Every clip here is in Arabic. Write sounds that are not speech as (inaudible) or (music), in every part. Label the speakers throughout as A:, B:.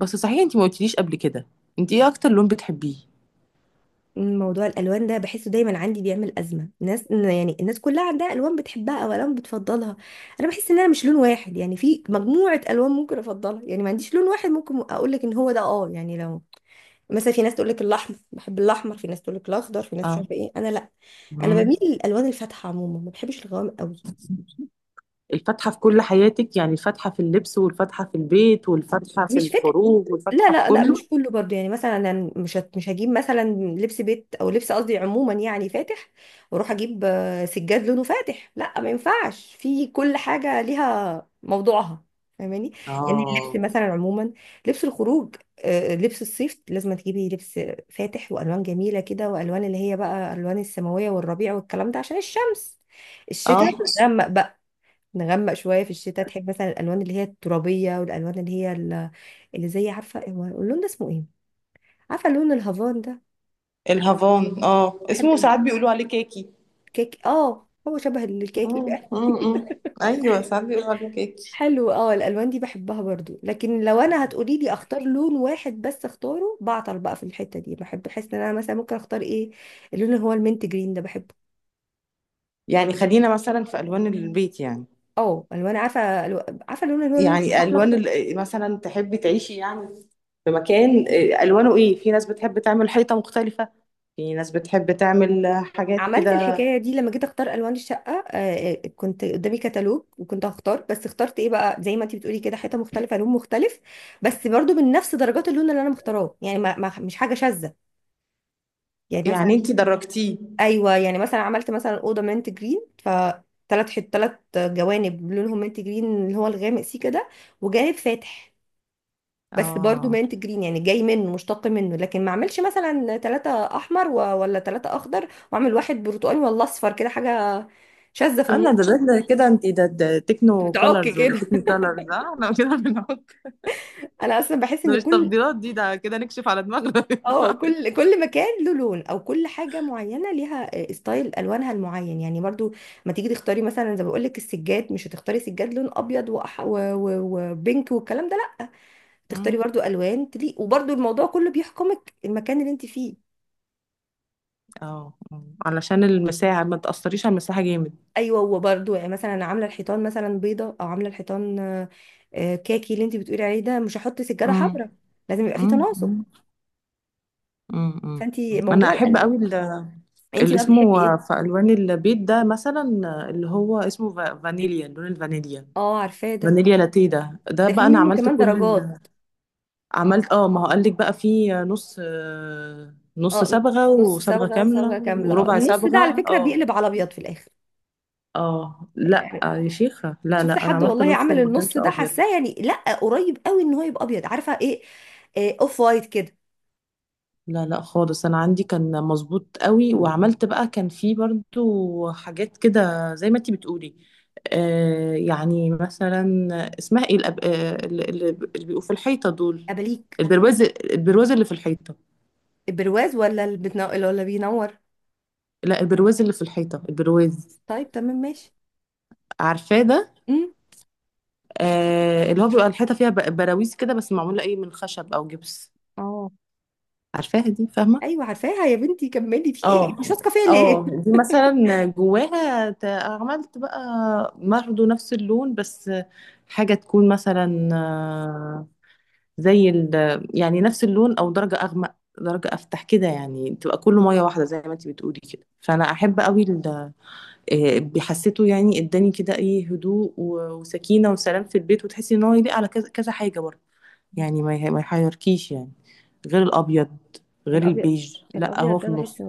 A: بس صحيح انتي ما قلتليش قبل كده. انتي ايه اكتر لون بتحبيه؟
B: موضوع الالوان ده بحسه دايما عندي بيعمل ازمه ناس، يعني الناس كلها عندها الوان بتحبها او الوان بتفضلها. انا بحس ان مش لون واحد، يعني في مجموعه الوان ممكن افضلها، يعني ما عنديش لون واحد ممكن اقول لك ان هو ده، اه يعني لو مثلا في ناس تقول لك الاحمر، بحب الاحمر، في ناس تقول لك الاخضر، في ناس مش
A: اه.
B: عارفه ايه، انا لا، انا
A: امم
B: بميل للالوان الفاتحه عموما، ما بحبش الغوامق قوي.
A: الفاتحة في كل حياتك؟ يعني الفاتحة في اللبس، والفاتحة في البيت، والفاتحة في
B: مش فاتح.
A: الخروج،
B: لا
A: والفاتحة في
B: لا لا
A: كله؟
B: مش كله برضو، يعني مثلا أنا مش هجيب مثلا لبس بيت او لبس، قصدي عموما يعني فاتح، واروح اجيب سجاد لونه فاتح، لا ما ينفعش، في كل حاجه ليها موضوعها. فاهماني؟ يعني اللبس
A: اه،
B: مثلا عموما، لبس الخروج، لبس الصيف لازم تجيبي لبس فاتح والوان جميله كده، والوان اللي هي بقى الوان السماويه والربيع والكلام ده عشان الشمس. الشتاء
A: اه،
B: نغمق شويه، في الشتاء تحب مثلا الالوان اللي هي الترابيه والالوان اللي هي اللي زي، عارفه هو اللون ده اسمه ايه؟ عارفه لون الهافان ده؟
A: الهافان،
B: بحب
A: اسمه ساعات بيقولوا عليه كاكي.
B: الكيك، اه هو شبه الكاكي بقى.
A: مم، مم، مم.
B: (laughs)
A: ايوه، ساعات بيقولوا عليه كيكي.
B: حلو، اه الالوان دي بحبها برضو، لكن لو انا هتقولي لي اختار لون واحد بس، اختاره بعطل بقى في الحته دي، بحب احس ان انا مثلا ممكن اختار ايه. اللون اللي هو المنت جرين ده بحبه.
A: يعني خلينا مثلا في الوان البيت يعني.
B: اه الوان، عارفه عارفه اللون اللي هو اللون
A: يعني
B: الاحمر
A: الوان
B: ده؟
A: مثلا تحبي تعيشي يعني، في مكان الوانه ايه. في ناس بتحب تعمل حيطه مختلفه، في ناس بتحب تعمل حاجات
B: عملت
A: كده.
B: الحكاية دي لما جيت اختار الوان الشقة، كنت قدامي كتالوج وكنت هختار، بس اخترت ايه بقى؟ زي ما انت بتقولي كده، حيطة مختلفة لون مختلف، بس برضو من نفس درجات اللون اللي انا مختاراه، يعني مش حاجة شاذة، يعني مثلا،
A: يعني انتي درجتيه؟
B: ايوه يعني مثلا عملت مثلا أوضة منت جرين، ف ثلاث ثلاث جوانب لونهم منت جرين اللي هو الغامق سي كده، وجانب فاتح، بس برضو
A: اه.
B: مانت جرين، يعني جاي منه مشتق منه، لكن ما اعملش مثلا ثلاثة احمر و... ولا ثلاثة اخضر واعمل واحد برتقاني ولا اصفر، كده حاجة شاذة في النص.
A: انا ده كده، انتي ده تكنو
B: بتعك
A: كولرز ولا
B: كده.
A: تكني كولرز، انا كده بنحط.
B: (laughs) انا اصلا بحس ان
A: ده مش
B: كل،
A: تفضيلات دي، ده كده نكشف على دماغنا.
B: اه كل مكان له لون، او كل حاجة معينة ليها ستايل الوانها المعين، يعني برضو ما تيجي تختاري مثلا، زي ما بقول لك السجاد، مش هتختاري سجاد لون ابيض وأح... و... و... وبينك والكلام ده، لا، تختاري
A: (laughs)
B: برضو الوان تليق، وبرضو الموضوع كله بيحكمك المكان اللي انت فيه.
A: اه، علشان المساحة ما تأثريش، على المساحة جامد.
B: ايوه وبرده، يعني مثلا أنا عامله الحيطان مثلا بيضه، او عامله الحيطان كاكي، اللي انت بتقولي عليه ده، مش هحط سجاده
A: مم.
B: حمراء. لازم يبقى في
A: مم.
B: تناسق.
A: مم. مم. مم.
B: فانت
A: انا
B: موضوع
A: احب
B: الالوان،
A: قوي
B: انت
A: اللي
B: بقى بتحبي
A: اسمه
B: ايه؟
A: في الوان البيت ده مثلا، اللي هو اسمه فانيليا، لون الفانيليا.
B: اه عارفاه ده.
A: فانيليا لاتيه، ده
B: ده في
A: بقى انا
B: منه (laughs)
A: عملت
B: كمان
A: كل
B: درجات.
A: عملت. اه ما هو قال لك بقى فيه نص، نص
B: اه
A: صبغه
B: نص
A: وصبغه
B: صبغه وصبغه
A: كامله
B: كامله،
A: وربع
B: النص ده على
A: صبغه.
B: فكره
A: اه.
B: بيقلب على ابيض في الاخر،
A: اه، لا
B: يعني
A: يا شيخه، لا
B: شفت
A: لا، انا
B: حد
A: عملت
B: والله
A: نص
B: عمل
A: وما
B: النص
A: كانش
B: ده
A: ابيض.
B: حاساه يعني، لا قريب قوي ان هو يبقى ابيض، عارفه ايه؟ اوف وايت كده.
A: لا لا، خالص، انا عندي كان مظبوط قوي وعملت بقى، كان في برضو حاجات كده زي ما انتي بتقولي. يعني مثلا اسمها ايه الأب... آه اللي اللي بيبقوا في الحيطه دول؟
B: اباليك.
A: البرواز، البرواز اللي في الحيطه.
B: البرواز، ولا اللي بتنو... ولا بينور؟
A: لا، البرواز اللي في الحيطه، البرواز.
B: طيب تمام ماشي.
A: عارفاه ده؟
B: امم.
A: اللي هو بيبقى الحيطه فيها براويز كده، بس معموله ايه؟ من خشب او جبس.
B: اه.
A: عارفاها دي، فاهمه؟
B: ايوه عارفاها يا بنتي، كملي، في ايه انت مش
A: اه.
B: واثقه فيا ليه؟
A: اه دي مثلا جواها عملت بقى برضه نفس اللون، بس حاجة تكون مثلا زي ال... يعني نفس اللون، او درجة اغمق، درجة افتح كده، يعني تبقى كله مية واحدة زي ما انت بتقولي كده. فانا احب قوي بحسيته يعني اداني كده ايه، هدوء وسكينة وسلام في البيت، وتحسي ان هو يليق على كذا كذا حاجة برضه، يعني ما يحيركيش يعني. غير الابيض، غير
B: الابيض،
A: البيج، لا
B: الابيض
A: هو في
B: ده
A: النص.
B: بحسه،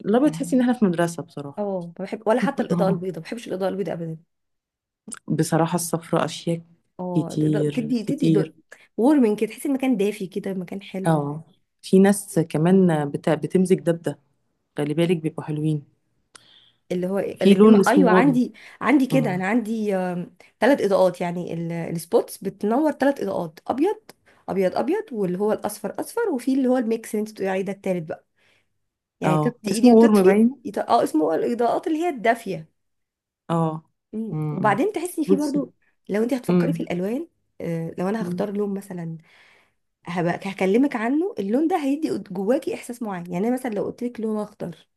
A: لا، بتحسي ان
B: يعني
A: احنا في مدرسة بصراحة.
B: اه ما بحب، ولا حتى
A: (laughs)
B: الاضاءه
A: اه.
B: البيضاء، ما بحبش الاضاءه البيضاء ابدا.
A: بصراحة السفر اشياء
B: اه الإضاءة،
A: كتير
B: تدي
A: كتير.
B: وورمنج كده، تحسي المكان دافي كده، مكان حلو.
A: اه في ناس كمان بتمزج ده بده، خلي بالك بيبقوا حلوين.
B: اللي هو
A: في
B: الاثنين،
A: لون اسمه
B: ايوه
A: ورم.
B: عندي، عندي كده،
A: مم.
B: انا عندي ثلاث اضاءات، يعني السبوتس بتنور ثلاث اضاءات، ابيض ابيض، واللي هو الاصفر اصفر، وفي اللي هو الميكس اللي انت بتقولي عليه ده، الثالث بقى، يعني
A: اه،
B: تطفي
A: اسمه
B: ايدي
A: ورم
B: وتطفي،
A: باين.
B: اه اسمه الاضاءات اللي هي الدافيه.
A: اه
B: مم.
A: امم
B: وبعدين تحسي فيه برضو.
A: بصي.
B: لو انت هتفكري في
A: امم
B: الالوان، لو انا
A: مم.
B: هختار لون مثلا هبقى هكلمك عنه، اللون ده هيدي جواكي احساس معين، يعني أنا مثلا لو قلت لك لون اخضر،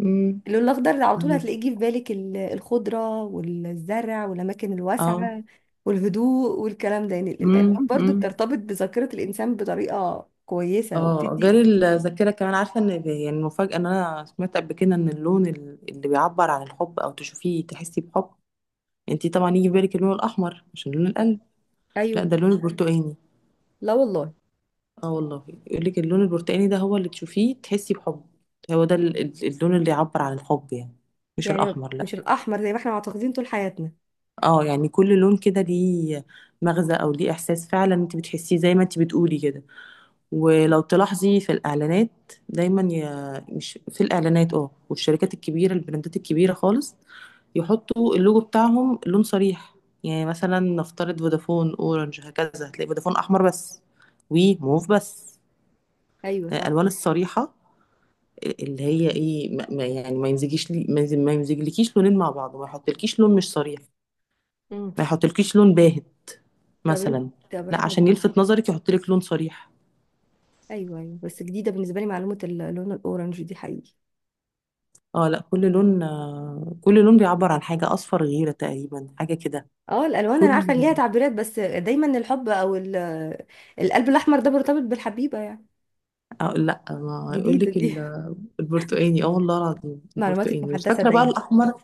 A: امم
B: اللون الاخضر على طول
A: فاهمة.
B: هتلاقيه جه في بالك الخضره والزرع والاماكن
A: اه.
B: الواسعه والهدوء والكلام ده، يعني
A: مم.
B: الالوان برضو
A: مم.
B: بترتبط بذاكره الانسان بطريقه كويسه
A: اه، غير
B: وبتدي.
A: الذاكرة كمان، عارفة ان يعني المفاجأة ان انا سمعت قبل كده ان اللون اللي بيعبر عن الحب، او تشوفيه تحسي بحب، يعني انتي طبعا يجي في بالك اللون الاحمر عشان لون القلب. لا،
B: ايوه.
A: ده اللون البرتقاني.
B: لا والله.
A: اه والله، يقول لك اللون البرتقاني ده هو اللي تشوفيه تحسي بحب، هو ده اللون اللي يعبر عن الحب يعني، مش
B: يعني
A: الاحمر لا.
B: مش الاحمر زي ما احنا معتقدين طول حياتنا.
A: اه، يعني كل لون كده ليه مغزى، او ليه احساس فعلا انت بتحسيه زي ما انت بتقولي كده. ولو تلاحظي، في الإعلانات دايما مش في الإعلانات، والشركات الكبيرة، البراندات الكبيرة خالص، يحطوا اللوجو بتاعهم لون صريح. يعني مثلا نفترض فودافون، اورنج، هكذا، هتلاقي فودافون احمر بس، وموف بس،
B: ايوه صح.
A: الالوان الصريحه اللي هي ايه، يعني ما يمزجيش لي، ما يمزجلكيش لونين مع بعض، ما يحطلكيش لون مش صريح،
B: مم.
A: ما يحطلكيش لون باهت
B: طب انت،
A: مثلا.
B: طب
A: لا،
B: احنا.
A: عشان يلفت نظرك يحطلك لون صريح.
B: ايوه ايوه، بس جديده بالنسبه لي معلومه اللون الاورنج دي، حقيقي.
A: اه. لا، كل لون كل لون بيعبر عن حاجة، أصفر غيرة تقريبا، حاجة كده.
B: اه الالوان انا
A: كل...
B: عارفه ان ليها تعبيرات، بس دايما الحب او القلب الاحمر ده مرتبط بالحبيبه يعني.
A: لا، ما يقول
B: جديده
A: لك
B: دي.
A: (laughs) البرتقاني. اه والله العظيم
B: (laughs) معلوماتك
A: البرتقاني، مش
B: محدثه
A: فاكرة بقى
B: دايما.
A: الأحمر،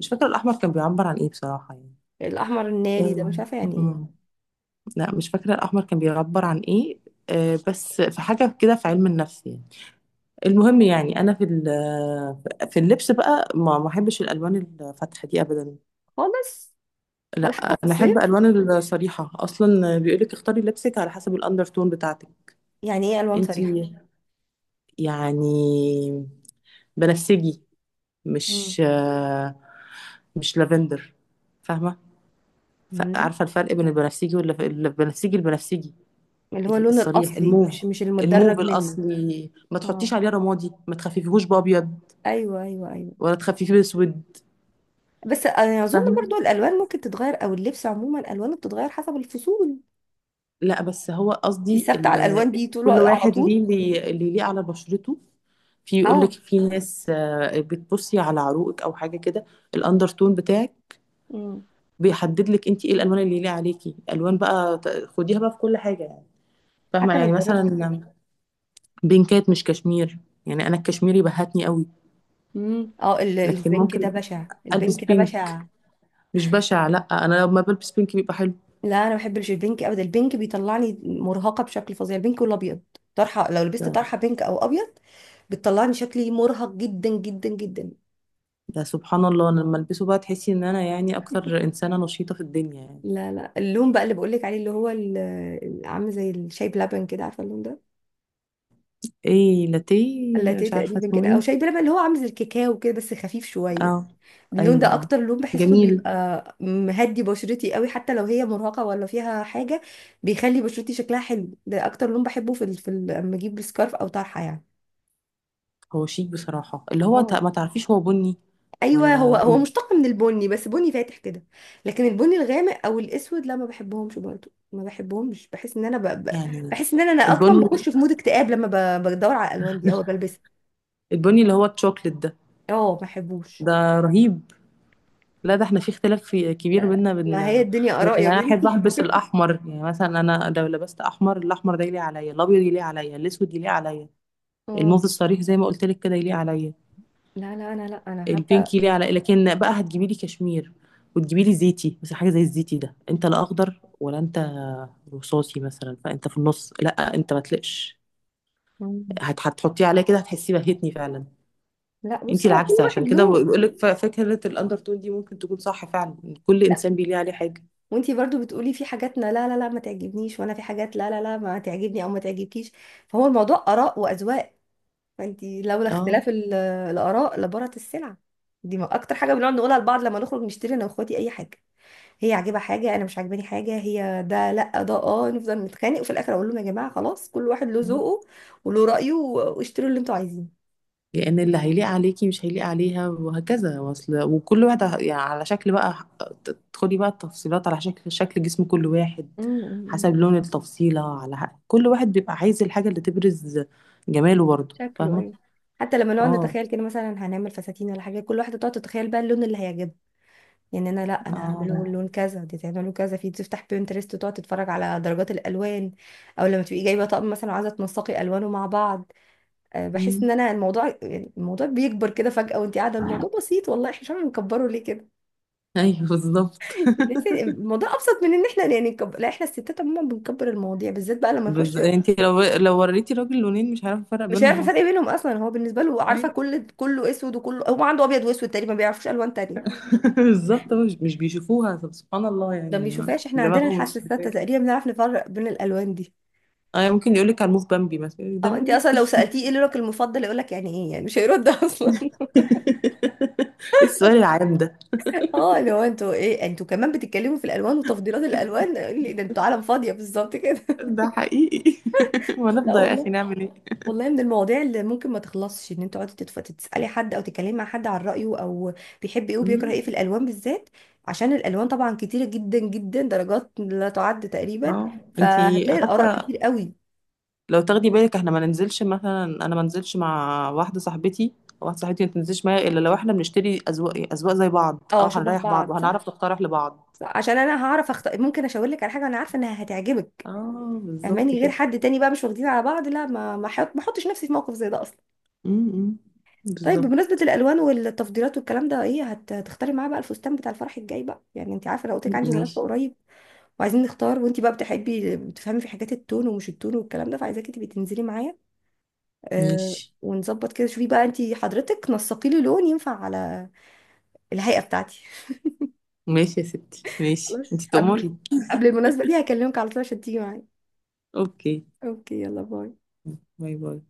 A: مش فاكرة الأحمر كان بيعبر عن ايه بصراحة، يعني
B: الاحمر الناري ده
A: آه،
B: مش عارفه يعني ايه.
A: مم. لا، مش فاكرة الأحمر كان بيعبر عن ايه. بس في حاجة كده في علم النفس يعني. المهم، يعني أنا في في اللبس بقى، ما بحبش الألوان الفاتحة دي أبدا.
B: خالص. ولا
A: لا.
B: حتى في
A: انا احب
B: الصيف.
A: الوان الصريحه. اصلا بيقولك اختاري لبسك على حسب الاندرتون بتاعتك.
B: يعني ايه الوان
A: انتي
B: صريحه؟
A: يعني بنفسجي،
B: مم.
A: مش مش لافندر، فاهمه؟
B: مم.
A: عارفه الفرق بين البنفسجي والبنفسجي، البنفسجي البنفسجي
B: اللي هو اللون
A: الصريح،
B: الاصلي،
A: الموف،
B: مش مش المدرج
A: الموف
B: منه.
A: الاصلي، ما
B: اه
A: تحطيش عليه رمادي، ما تخففيهوش بابيض،
B: ايوه ايوه ايوه.
A: ولا تخففيه باسود.
B: بس انا اظن
A: فاهمه.
B: برضو الالوان ممكن تتغير، او اللبس عموما الوانه بتتغير حسب الفصول.
A: لا بس هو
B: انت
A: قصدي
B: ثابته على الالوان دي طول
A: كل
B: على
A: واحد
B: طول؟
A: اللي ليه على بشرته. في يقول لك
B: اه.
A: في ناس بتبصي على عروقك او حاجه كده، الاندرتون بتاعك
B: امم.
A: بيحدد لك انت ايه الالوان اللي ليه عليكي، الوان بقى خديها بقى في كل حاجه يعني. فاهمه،
B: حتى
A: يعني
B: لو
A: مثلا
B: جربتي.
A: بينكات مش كشمير. يعني انا الكشميري بهتني قوي،
B: امم، اه
A: لكن
B: البنك ده
A: ممكن
B: بشع،
A: البس
B: البنك ده
A: بينك.
B: بشع.
A: مش بشع لا، انا لما بلبس بينك بيبقى حلو.
B: لا انا ما بحبش البنك ابدا، البنك بيطلعني مرهقه بشكل فظيع، البنك والابيض، طرحه، لو لبست
A: ده
B: طرحه بينك او ابيض، بتطلعني شكلي مرهق جدا جدا جدا.
A: ده سبحان الله، أنا لما البسه بقى تحسي ان انا يعني اكتر انسانه نشيطه في الدنيا يعني.
B: لا لا، اللون بقى اللي بقول لك عليه، اللي هو عامل زي الشاي بلبن كده، عارفه اللون ده؟
A: ايه، لاتيه؟
B: اللاتيه
A: مش عارفه
B: تقريبا
A: اسمه
B: كده، او
A: ايه.
B: شاي بلبن، اللي هو عامل زي الكاكاو كده بس خفيف شويه.
A: اه.
B: اللون
A: ايوه،
B: ده
A: اه.
B: اكتر لون بحسه
A: جميل.
B: بيبقى مهدي بشرتي قوي، حتى لو هي مرهقه ولا فيها حاجه، بيخلي بشرتي شكلها حلو. ده اكتر لون بحبه في ال... في ال... لما اجيب سكارف او طرحه يعني.
A: هو شيك بصراحه، اللي هو
B: اه
A: ما تعرفيش هو بني
B: ايوه، هو
A: ولا
B: هو
A: ايه.
B: مشتق من البني، بس بني فاتح كده. لكن البني الغامق او الاسود لا ما بحبهمش برضو، ما بحبهمش، بحس ان انا ب... ب...
A: يعني
B: بحس ان انا اصلا
A: البني،
B: بخش في مود اكتئاب لما ب... بدور على الالوان دي او بلبسها.
A: البني اللي هو الشوكليت ده،
B: اه ما بحبوش.
A: ده رهيب. لا، ده احنا في اختلاف في كبير
B: لا لا.
A: بينا بين.
B: ما هي
A: يعني
B: الدنيا اراء يا
A: انا احب
B: بنتي.
A: البس الاحمر. يعني مثلا انا لو لبست احمر، الاحمر ده يليق عليا، الابيض يليق عليا، الاسود يليق عليا،
B: (laughs) اه.
A: الموف الصريح زي ما قلت لك كده يليق عليا،
B: لا لا انا، لا انا.
A: البينك ليه على. لكن بقى هتجيبي لي كشمير وتجيبي لي زيتي، بس حاجه زي الزيتي ده انت لا اخضر ولا انت رصاصي مثلا، فانت في النص، لا انت ما تلقش،
B: حتى.
A: هتحطيه عليا كده هتحسي بهتني فعلا.
B: لا
A: انت
B: بصي، هو كل
A: العكس،
B: واحد
A: عشان كده
B: له.
A: بقول لك فكره الاندر تون دي ممكن تكون صح فعلا، كل
B: لا،
A: انسان بيليه عليه حاجه.
B: وانتي برضو بتقولي في حاجاتنا لا لا لا ما تعجبنيش، وانا في حاجات لا لا لا ما تعجبني او ما تعجبكيش، فهو الموضوع اراء واذواق. فانتي لولا
A: اه.
B: اختلاف الاراء لبارت السلع دي، اكتر حاجه بنقعد نقولها لبعض لما نخرج نشتري انا واخواتي اي حاجه، هي عاجبها حاجه، انا مش عاجباني حاجه، هي ده لا ده اه، نفضل نتخانق، وفي الاخر اقول لهم يا جماعه خلاص كل واحد له ذوقه وله رايه، واشتروا اللي انتوا عايزينه.
A: لان اللي هيليق عليكي مش هيليق عليها، وهكذا واصل، وكل واحد يعني على شكل بقى، تدخلي بقى التفصيلات على شكل جسم كل واحد،
B: أمم، أمم،
A: حسب لون التفصيلة على كل واحد بيبقى عايز الحاجة اللي تبرز جماله برضه.
B: شكله. ايوه
A: فاهمة.
B: حتى لما نقعد
A: اه.
B: نتخيل كده، مثلا هنعمل فساتين ولا حاجه، كل واحده تقعد تتخيل بقى اللون اللي هيعجبها، يعني انا لا انا هعمله
A: اه.
B: لون كذا، دي تعمله كذا، في تفتح بينترست وتقعد تتفرج على درجات الالوان، او لما تبقي جايبه طقم مثلا وعايزه تنسقي الوانه مع بعض. بحس
A: أمم.
B: ان انا الموضوع، يعني الموضوع بيكبر كده فجاه وانت قاعده الموضوع بسيط، والله احنا مش عارفين نكبره ليه كده.
A: ايوه بالظبط. (laughs)
B: (laughs) الموضوع ابسط من ان احنا يعني نكبر، لا احنا الستات عموما بنكبر المواضيع بالذات بقى لما نخش.
A: بس انت لو وريتي راجل لونين مش هيعرف يفرق
B: مش هيعرف
A: بينهم اصلا.
B: الفرق بينهم اصلا، هو بالنسبه له، عارفه
A: ايوه.
B: كل، كله اسود، وكله، هو عنده ابيض واسود تقريبا، ما بيعرفوش الوان تانية.
A: (laughs) بالظبط، هو مش بيشوفوها. طب سبحان الله،
B: ده ما
A: يعني
B: بيشوفهاش، احنا عندنا
A: دماغهم
B: الحاسه
A: مش
B: الستة
A: بتاعي.
B: تقريبا، بنعرف نفرق بين الالوان دي.
A: اه. ممكن يقول لك على الموف بامبي مثلا، يقولك ده
B: اه انت
A: بامبي.
B: اصلا لو سالتيه ايه لونك المفضل، يقول لك يعني ايه يعني، مش هيرد (laughs) اصلا.
A: (laughs) السؤال العام ده.
B: اه لو انتوا ايه، انتوا كمان بتتكلموا في الالوان وتفضيلات الالوان، ده انتوا عالم فاضيه بالظبط كده. (laughs)
A: ده حقيقي. (laughs)
B: لا
A: ونفضل يا اخي
B: والله،
A: نعمل ايه.
B: والله من المواضيع اللي ممكن ما تخلصش، ان انت تقعدي تسالي حد او تتكلمي مع حد عن رايه، او بيحب ايه وبيكره
A: أمم،
B: ايه في الالوان بالذات، عشان الالوان طبعا كتيره جدا جدا درجات لا تعد تقريبا،
A: اه. انتي
B: فهتلاقي الاراء
A: حتى،
B: كتير قوي.
A: لو تاخدي بالك، احنا ما ننزلش. مثلا انا ما انزلش مع واحده صاحبتي، او واحده صاحبتي ما تنزلش معايا، الا لو احنا بنشتري اذواق اذواق زي بعض،
B: اه
A: اه
B: شبه
A: هنريح بعض
B: بعض صح.
A: وهنعرف نقترح لبعض.
B: صح. عشان انا هعرف اختار، ممكن اشاور لك على حاجه انا عارفه انها هتعجبك،
A: اه، بالظبط
B: فهماني، غير
A: كده.
B: حد تاني بقى مش واخدين على بعض، لا ما ما حط ما احطش نفسي في موقف زي ده اصلا.
A: امم
B: طيب
A: بالظبط.
B: بمناسبه الالوان والتفضيلات والكلام ده، ايه هتختاري معاه بقى الفستان بتاع الفرح الجاي بقى، يعني انت عارفه لو قلت لك عندي مناسبه
A: ماشي.
B: قريب، وعايزين نختار، وانتي بقى بتحبي بتفهمي في حاجات التون ومش التون والكلام ده، فعايزاكي تبقي تنزلي معايا. آه
A: ماشي،
B: ونظبط كده، شوفي بقى انتي حضرتك نسقي لي لون ينفع على الهيئة بتاعتي.
A: ماشي يا ستي، ماشي
B: خلاص.
A: انتي
B: قبل،
A: تأمري.
B: قبل المناسبة دي هكلمك على طول عشان تيجي معايا.
A: اوكي.
B: اوكي يلا باي.
A: باي باي.